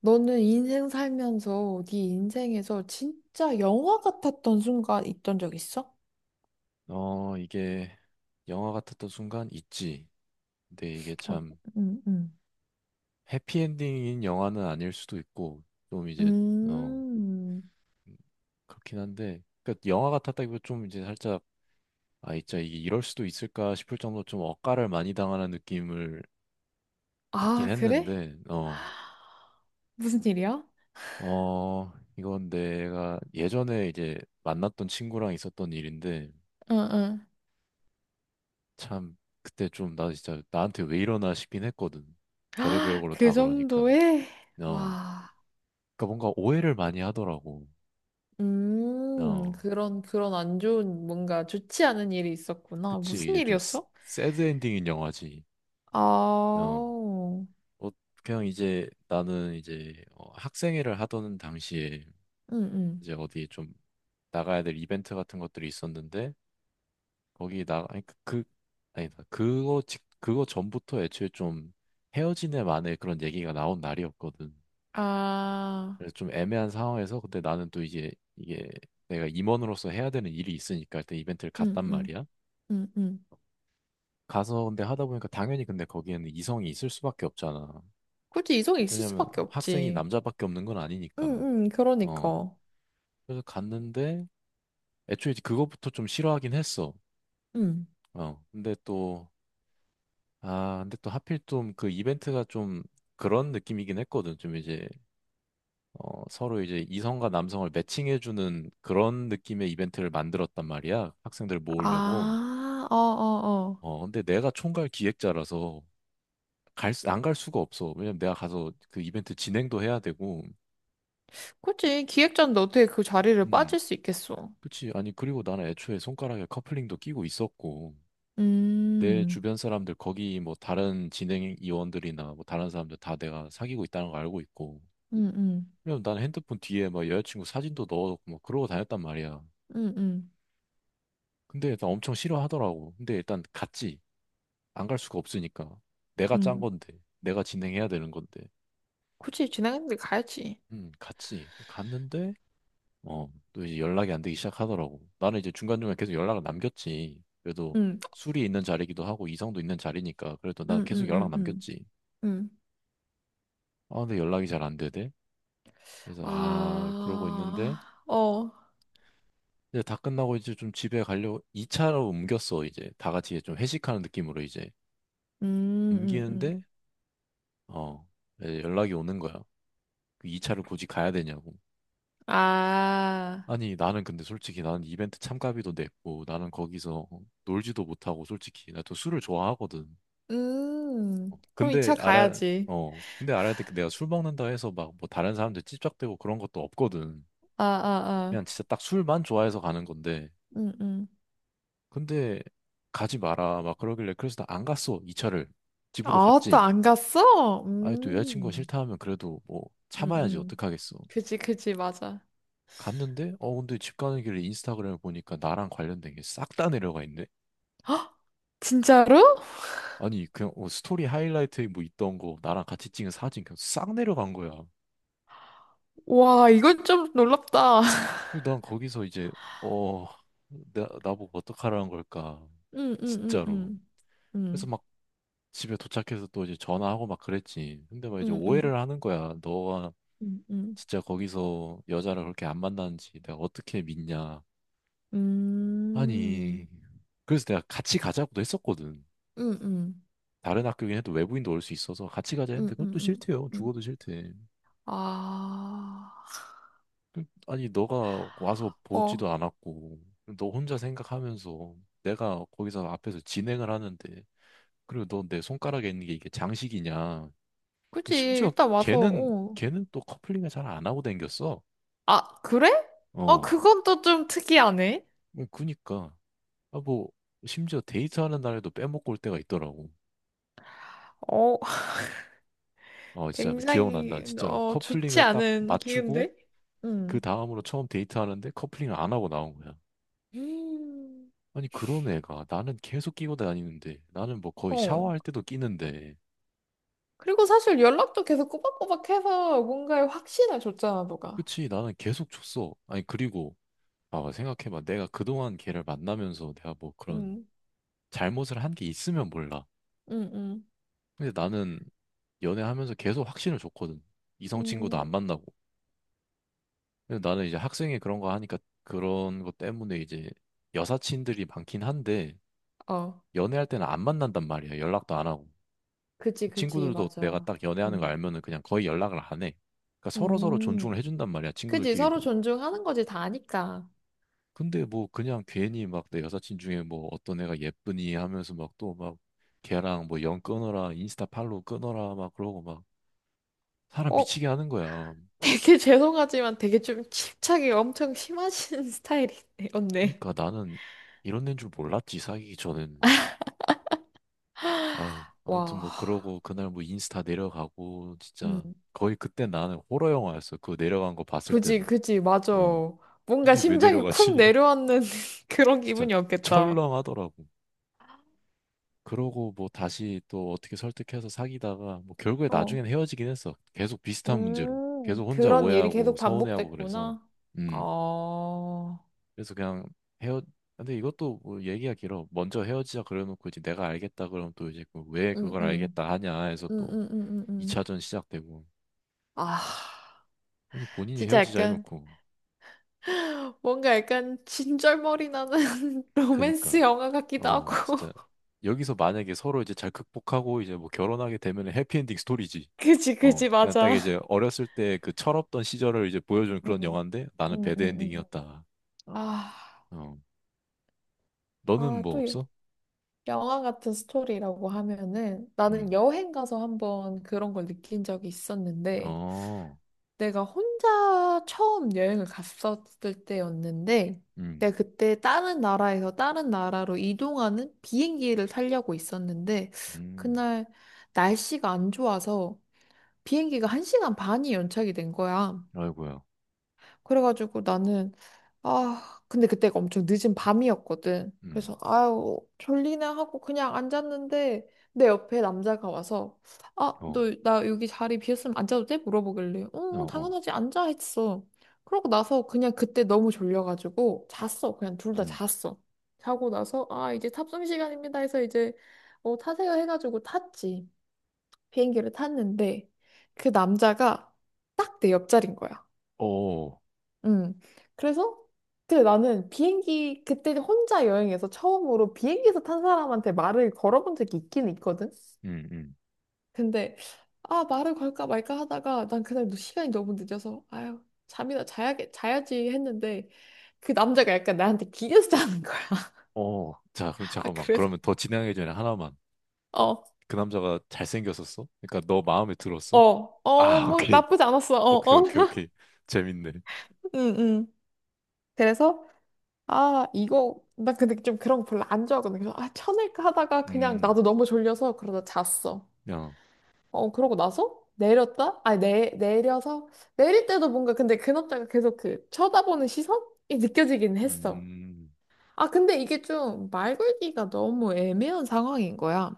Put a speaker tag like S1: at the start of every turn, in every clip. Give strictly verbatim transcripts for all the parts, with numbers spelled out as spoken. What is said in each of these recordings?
S1: 너는 인생 살면서 네 인생에서 진짜 영화 같았던 순간 있던 적 있어?
S2: 어, 이게 영화 같았던 순간 있지. 근데 이게
S1: 어,
S2: 참
S1: 음, 음.
S2: 해피엔딩인 영화는 아닐 수도 있고, 좀 이제, 어,
S1: 음.
S2: 그렇긴 한데, 그러니까 영화 같았다기보다 좀 이제 살짝, 아, 진짜 이게 이럴 수도 있을까 싶을 정도로 좀 억까를 많이 당하는 느낌을 받긴
S1: 아, 그래?
S2: 했는데, 어,
S1: 무슨 일이야?
S2: 어, 이건 내가 예전에 이제 만났던 친구랑 있었던 일인데,
S1: 응, 응.
S2: 참, 그때 좀 나 진짜 나한테 왜 이러나 싶긴 했거든. 별의별
S1: 아,
S2: 걸로
S1: 그
S2: 다 그러니까.
S1: 정도에?
S2: 어.
S1: 와.
S2: 그러니까 뭔가 오해를 많이 하더라고.
S1: 음,
S2: 어,
S1: 그런, 그런 안 좋은, 뭔가 좋지 않은 일이 있었구나.
S2: 그치.
S1: 무슨
S2: 이제 좀 스-
S1: 일이었어?
S2: 새드 엔딩인 영화지.
S1: 아,
S2: 어, 어, 그냥 이제 나는 이제 어, 학생회를 하던 당시에
S1: 응, 응.
S2: 이제 어디 좀 나가야 될 이벤트 같은 것들이 있었는데 거기 나 아니 그 그- 아니다 그거 직 그거 전부터 애초에 좀 헤어진 애 만에 그런 얘기가 나온 날이었거든.
S1: 아,
S2: 그래서 좀 애매한 상황에서 근데 나는 또 이제 이게 내가 임원으로서 해야 되는 일이 있으니까 일단 이벤트를
S1: 응,
S2: 갔단
S1: 응,
S2: 말이야.
S1: 응, 응.
S2: 가서 근데 하다 보니까 당연히 근데 거기에는 이성이 있을 수밖에 없잖아.
S1: 굳이 이성이 있을
S2: 왜냐면
S1: 수밖에
S2: 학생이
S1: 없지.
S2: 남자밖에 없는 건
S1: 응,
S2: 아니니까.
S1: 응,
S2: 어.
S1: 그러니까.
S2: 그래서 갔는데 애초에 이제 그것부터 좀 싫어하긴 했어.
S1: 응.
S2: 어. 근데 또, 아, 근데 또 하필 좀 그 이벤트가 좀 그런 느낌이긴 했거든. 좀 이제, 어, 서로 이제 이성과 남성을 매칭해주는 그런 느낌의 이벤트를 만들었단 말이야. 학생들 모으려고.
S1: 아, 어, 어, 어.
S2: 어, 근데 내가 총괄 기획자라서 갈, 수- 안 갈 수가 없어. 왜냐면 내가 가서 그 이벤트 진행도 해야 되고,
S1: 그치. 기획자인데 어떻게 그 자리를
S2: 음,
S1: 빠질 수 있겠어.
S2: 그치. 아니, 그리고 나는 애초에 손가락에 커플링도 끼고 있었고, 내
S1: 음,
S2: 주변 사람들, 거기 뭐 다른 진행위원들이나 뭐 다른 사람들 다 내가 사귀고 있다는 거 알고 있고,
S1: 응, 응,
S2: 그냥 난 핸드폰 뒤에 막 여자친구 사진도 넣어놓고 막 그러고 다녔단 말이야.
S1: 응, 응,
S2: 근데 일단 엄청 싫어하더라고. 근데 일단 갔지. 안 갈 수가 없으니까. 내가 짠
S1: 응.
S2: 건데, 내가 진행해야 되는 건데.
S1: 그치. 진행했는데 가야지.
S2: 음, 갔지. 갔는데, 어, 또 이제 연락이 안 되기 시작하더라고. 나는 이제 중간중간 계속 연락을 남겼지. 그래도
S1: 응,
S2: 술이 있는 자리기도 하고 이성도 있는 자리니까 그래도 난
S1: 응,
S2: 계속
S1: 응,
S2: 연락
S1: 응, 응.
S2: 남겼지.
S1: 응.
S2: 아, 근데 연락이 잘 안 되대. 그래서 아, 그러고 있는데
S1: 아, 어.
S2: 이제 다 끝나고 이제 좀 집에 가려고 이 차로 옮겼어, 이제. 다 같이 이제 좀 회식하는 느낌으로 이제
S1: 음, 음, 음.
S2: 옮기는데 어, 이제 연락이 오는 거야. 그 이 차를 굳이 가야 되냐고.
S1: 아,
S2: 아니, 나는 근데 솔직히 나는 이벤트 참가비도 냈고 나는 거기서 놀지도 못하고 솔직히 나 또 술을 좋아하거든. 어,
S1: 음. 그럼 이
S2: 근데
S1: 차
S2: 알아,
S1: 가야지.
S2: 어, 근데 알아야 돼. 내가 술 먹는다 해서 막 뭐 다른 사람들 찝적대고 그런 것도 없거든.
S1: 아, 아,
S2: 그냥
S1: 아.
S2: 진짜 딱 술만 좋아해서 가는 건데.
S1: 음, 음.
S2: 근데 가지 마라. 막 그러길래 그래서 나 안 갔어. 이 차를. 집으로
S1: 아, 또
S2: 갔지.
S1: 안 갔어?
S2: 아니 또 여자친구가
S1: 음.
S2: 싫다 하면 그래도 뭐
S1: 응,
S2: 참아야지
S1: 응.
S2: 어떡하겠어.
S1: 그지, 그지, 맞아.
S2: 갔는데 어 근데 집 가는 길에 인스타그램을 보니까 나랑 관련된 게 싹 다 내려가 있네.
S1: 진짜로?
S2: 아니 그냥 어, 스토리 하이라이트에 뭐 있던 거 나랑 같이 찍은 사진 그냥 싹 내려간 거야.
S1: 와, 이건 좀 놀랍다.
S2: 그리고 난 거기서 이제 어 나, 나보고 어떡하라는 걸까.
S1: 응, 응, 응,
S2: 진짜로.
S1: 응.
S2: 그래서
S1: 응,
S2: 막 집에 도착해서 또 이제 전화하고 막 그랬지. 근데 막 이제
S1: 응, 응,
S2: 오해를 하는 거야. 너가
S1: 응, 응.
S2: 진짜 거기서 여자를 그렇게 안 만나는지 내가 어떻게 믿냐.
S1: 음,
S2: 아니, 그래서 내가 같이 가자고도 했었거든.
S1: 응, 응,
S2: 다른 학교긴 해도 외부인도 올 수 있어서 같이 가자 했는데
S1: 응, 응,
S2: 그것도
S1: 응.
S2: 싫대요.
S1: 응.
S2: 죽어도 싫대.
S1: 아,
S2: 아니, 너가 와서
S1: 어.
S2: 보지도 않았고, 너 혼자 생각하면서 내가 거기서 앞에서 진행을 하는데, 그리고 너 내 손가락에 있는 게 이게 장식이냐.
S1: 그지,
S2: 심지어
S1: 일단 와서,
S2: 걔는,
S1: 어.
S2: 걔는 또 커플링을 잘 안 하고 댕겼어.
S1: 아, 그래? 어,
S2: 어.
S1: 그건 또 좀 특이하네.
S2: 그 그니까. 아, 뭐, 심지어 데이트하는 날에도 빼먹고 올 때가 있더라고.
S1: 어,
S2: 어, 진짜 기억난다.
S1: 굉장히,
S2: 진짜로.
S1: 어, 좋지
S2: 커플링을 딱
S1: 않은
S2: 맞추고,
S1: 기운데?
S2: 그
S1: 응.
S2: 다음으로 처음 데이트하는데 커플링을 안 하고 나온 거야.
S1: 음,
S2: 아니, 그런 애가 나는 계속 끼고 다니는데 나는 뭐 거의
S1: 어.
S2: 샤워할 때도 끼는데
S1: 그리고 사실 연락도 계속 꼬박꼬박 해서 뭔가에 확신을 줬잖아, 너가.
S2: 그치, 나는 계속 줬어. 아니, 그리고 봐봐, 생각해봐. 내가 그동안 걔를 만나면서 내가 뭐 그런
S1: 응,
S2: 잘못을 한 게 있으면 몰라.
S1: 응, 응.
S2: 근데 나는 연애하면서 계속 확신을 줬거든. 이성 친구도
S1: 음,
S2: 안 만나고. 근데 나는 이제 학생회 그런 거 하니까 그런 것 때문에 이제 여사친들이 많긴 한데
S1: 어,
S2: 연애할 때는 안 만난단 말이야. 연락도 안 하고.
S1: 그지, 그지,
S2: 친구들도 내가
S1: 맞아.
S2: 딱 연애하는 거
S1: 음,
S2: 알면은 그냥 거의 연락을 안 해. 그러니까 서로서로 존중을
S1: 음.
S2: 해준단 말이야,
S1: 그지, 서로
S2: 친구들끼리도.
S1: 존중하는 거지, 다 아니까.
S2: 근데 뭐 그냥 괜히 막 내 여사친 중에 뭐 어떤 애가 예쁘니 하면서 막 또 막 걔랑 뭐 연 끊어라, 인스타 팔로우 끊어라 막 그러고 막 사람
S1: 어,
S2: 미치게 하는 거야.
S1: 되게 죄송하지만 되게 좀 집착이 엄청 심하신 스타일이네, 언니.
S2: 그러니까 나는 이런 데인 줄 몰랐지, 사귀기 전엔. 아유, 아무튼 뭐
S1: 와,
S2: 그러고 그날 뭐 인스타 내려가고
S1: 음.
S2: 진짜 거의 그때 나는 호러 영화였어. 그 내려간 거 봤을
S1: 그지,
S2: 때는.
S1: 그지, 맞아.
S2: 어.
S1: 뭔가
S2: 이게 왜
S1: 심장이 쿵
S2: 내려가지?
S1: 내려앉는 그런
S2: 진짜
S1: 기분이었겠다.
S2: 철렁하더라고. 그러고 뭐 다시 또 어떻게 설득해서 사귀다가 뭐 결국에
S1: 어.
S2: 나중엔 헤어지긴 했어. 계속 비슷한 문제로.
S1: 음,
S2: 계속 혼자
S1: 그런 일이
S2: 오해하고
S1: 계속
S2: 서운해하고 그래서.
S1: 반복됐구나.
S2: 음.
S1: 어,
S2: 그래서 그냥 헤어 근데 이것도 뭐 얘기가 길어. 먼저 헤어지자 그래놓고 이제 내가 알겠다 그러면 또 이제 그왜
S1: 음,
S2: 그걸
S1: 음,
S2: 알겠다 하냐 해서
S1: 음,
S2: 또
S1: 음, 음, 음. 음.
S2: 이 차전 시작되고.
S1: 아,
S2: 아니 본인이
S1: 진짜
S2: 헤어지자
S1: 약간,
S2: 해놓고.
S1: 뭔가 약간 진절머리 나는
S2: 그니까.
S1: 로맨스 영화 같기도
S2: 어,
S1: 하고.
S2: 진짜. 여기서 만약에 서로 이제 잘 극복하고 이제 뭐 결혼하게 되면 해피엔딩 스토리지.
S1: 그지,
S2: 어,
S1: 그지,
S2: 그냥 딱
S1: 맞아.
S2: 이제 어렸을 때 그 철없던 시절을 이제 보여주는
S1: 음,
S2: 그런
S1: 음,
S2: 영화인데 나는
S1: 음,
S2: 배드
S1: 음. 음.
S2: 엔딩이었다.
S1: 아,
S2: 어, 너는
S1: 아,
S2: 뭐
S1: 또 여-
S2: 없어?
S1: 영화 같은 스토리라고 하면은 나는
S2: 음.
S1: 여행 가서 한번 그런 걸 느낀 적이 있었는데,
S2: 어.
S1: 내가 혼자 처음 여행을 갔었을 때였는데,
S2: 음.
S1: 내가 그때 다른 나라에서 다른 나라로 이동하는 비행기를 타려고 있었는데,
S2: 음.
S1: 그날 날씨가 안 좋아서 비행기가 한 시간 반이 연착이 된 거야.
S2: 아이고야.
S1: 그래가지고 나는, 아, 근데 그때가 엄청 늦은 밤이었거든.
S2: 음.
S1: 그래서, 아유, 졸리네 하고 그냥 앉았는데, 내 옆에 남자가 와서, 아,
S2: 어.
S1: 너, 나 여기 자리 비었으면 앉아도 돼? 물어보길래,
S2: 어.
S1: 응,
S2: 어.
S1: 당연하지, 앉아 했어. 그러고 나서 그냥 그때 너무 졸려가지고, 잤어. 그냥 둘 다
S2: 음.
S1: 잤어. 자고 나서, 아, 이제 탑승 시간입니다 해서 이제, 어, 타세요 해가지고 탔지. 비행기를 탔는데, 그 남자가 딱 내 옆자리인 거야.
S2: 어.
S1: 음. 그래서 그때 나는 비행기 그때 혼자 여행해서 처음으로 비행기에서 탄 사람한테 말을 걸어본 적이 있긴 있거든.
S2: 음. 음.
S1: 근데 아 말을 걸까 말까 하다가 난 그날 너- 시간이 너무 늦어서 아유 잠이나 자야겠 자야지 했는데 그 남자가 약간 나한테 기대서 자는 거야.
S2: 어. 자, 그럼
S1: 아
S2: 잠깐만.
S1: 그래서
S2: 그러면 더 진행하기 전에 하나만.
S1: 어
S2: 그 남자가 잘생겼었어? 그러니까 너 마음에
S1: 어
S2: 들었어?
S1: 어
S2: 아,
S1: 뭐
S2: 오케이,
S1: 나쁘지 않았어. 어
S2: 오케이,
S1: 어.
S2: 오케이, 오케이. 재밌네.
S1: 응 응. 그래서 아 이거 나 근데 좀 그런 거 별로 안 좋아하거든. 그래서 아 쳐낼까 하다가 그냥
S2: 음.
S1: 나도 너무 졸려서 그러다 잤어.
S2: 야.
S1: 어, 그러고 나서 내렸다? 아니, 내, 내려서 내릴 때도 뭔가 근데 근업자가 계속 그 쳐다보는 시선이 느껴지긴 했어.
S2: 음.
S1: 아, 근데 이게 좀 말 걸기가 너무 애매한 상황인 거야.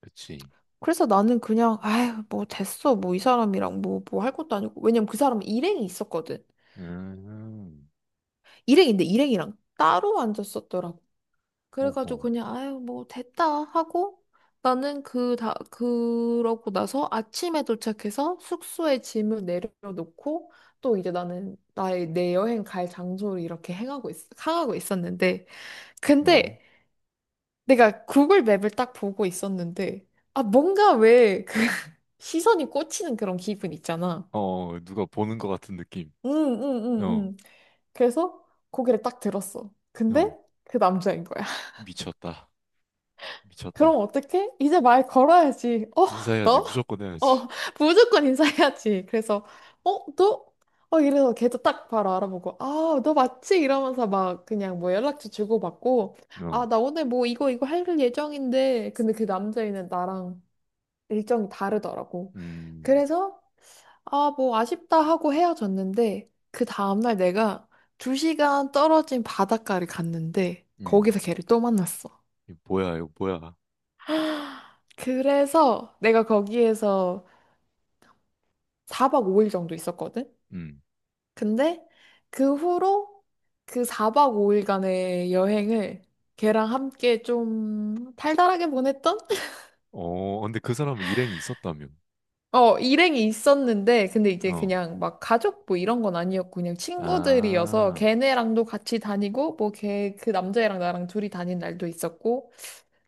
S2: 그치.
S1: 그래서 나는 그냥, 아휴, 뭐 됐어. 뭐 이 사람이랑 뭐, 뭐 할 것도 아니고. 왜냐면 그 사람은 일행이 있었거든.
S2: 음.
S1: 일행인데 일행이랑 따로 앉았었더라고. 그래가지고
S2: 오호.
S1: 그냥 아유 뭐 됐다 하고 나는 그다 그러고 나서 아침에 도착해서 숙소에 짐을 내려놓고 또 이제 나는 나의 내 여행 갈 장소를 이렇게 행하고 있, 향하고 있었는데
S2: 어.
S1: 근데 내가 구글 맵을 딱 보고 있었는데 아 뭔가 왜 그 시선이 꽂히는 그런 기분 있잖아.
S2: 어, 누가 보는 것 같은 느낌.
S1: 응응응응
S2: 어.
S1: 그래서 고개를 딱 들었어. 근데
S2: 어.
S1: 그 남자인 거야.
S2: 미쳤다.
S1: 그럼
S2: 미쳤다.
S1: 어떡해? 이제 말 걸어야지. 어,
S2: 인사해야지.
S1: 너?
S2: 무조건 해야지.
S1: 어, 무조건 인사해야지. 그래서, 어, 너? 어, 이래서 걔도 딱 바로 알아보고, 아, 너 맞지? 이러면서 막 그냥 뭐 연락처 주고받고,
S2: 어.
S1: 아, 나 오늘 뭐 이거, 이거 할 예정인데. 근데 그 남자애는 나랑 일정이 다르더라고.
S2: 음.
S1: 그래서, 아, 뭐 아쉽다 하고 헤어졌는데, 그 다음날 내가 두 시간 떨어진 바닷가를 갔는데,
S2: 음.
S1: 거기서 걔를 또 만났어.
S2: 이거 뭐야, 이거 뭐야.
S1: 그래서 내가 거기에서 사 박 오 일 정도 있었거든?
S2: 음.
S1: 근데 그 후로 그 사 박 오 일간의 여행을 걔랑 함께 좀 달달하게 보냈던?
S2: 어. 근데 그 사람은 일행이 있었다며.
S1: 어, 일행이 있었는데, 근데 이제
S2: 어.
S1: 그냥 막 가족 뭐 이런 건 아니었고, 그냥 친구들이어서
S2: 아.
S1: 걔네랑도 같이 다니고, 뭐 걔, 그 남자애랑 나랑 둘이 다닌 날도 있었고,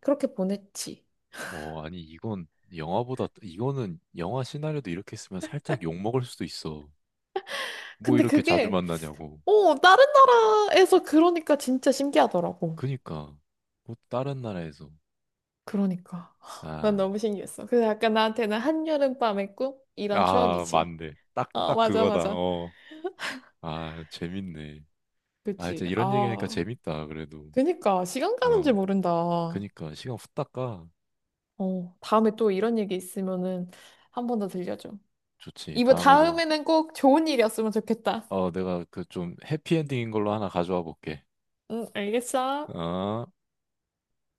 S1: 그렇게 보냈지.
S2: 어. 아니, 이건 영화보다, 이거는 영화 시나리오도 이렇게 쓰으면 살짝 욕먹을 수도 있어. 뭐
S1: 근데
S2: 이렇게 자주
S1: 그게,
S2: 만나냐고.
S1: 어, 다른 나라에서 그러니까 진짜 신기하더라고.
S2: 그니까, 뭐 다른 나라에서.
S1: 그러니까. 난
S2: 아,
S1: 너무 신기했어. 그래서 약간 나한테는 한여름밤의 꿈? 이런
S2: 아,
S1: 추억이지.
S2: 맞네. 딱,
S1: 어,
S2: 딱
S1: 맞아,
S2: 그거다.
S1: 맞아.
S2: 어. 아, 재밌네. 아, 진짜
S1: 그치.
S2: 이런 얘기하니까
S1: 아,
S2: 재밌다, 그래도.
S1: 그니까. 시간 가는 줄
S2: 어,
S1: 모른다.
S2: 그니까, 시간 후딱 가.
S1: 어, 다음에 또 이런 얘기 있으면은 한 번 더 들려줘.
S2: 좋지.
S1: 이번
S2: 다음에도,
S1: 다음에는 꼭 좋은 일이었으면 좋겠다.
S2: 어, 내가 그 좀 해피엔딩인 걸로 하나 가져와 볼게.
S1: 응, 알겠어.
S2: 어.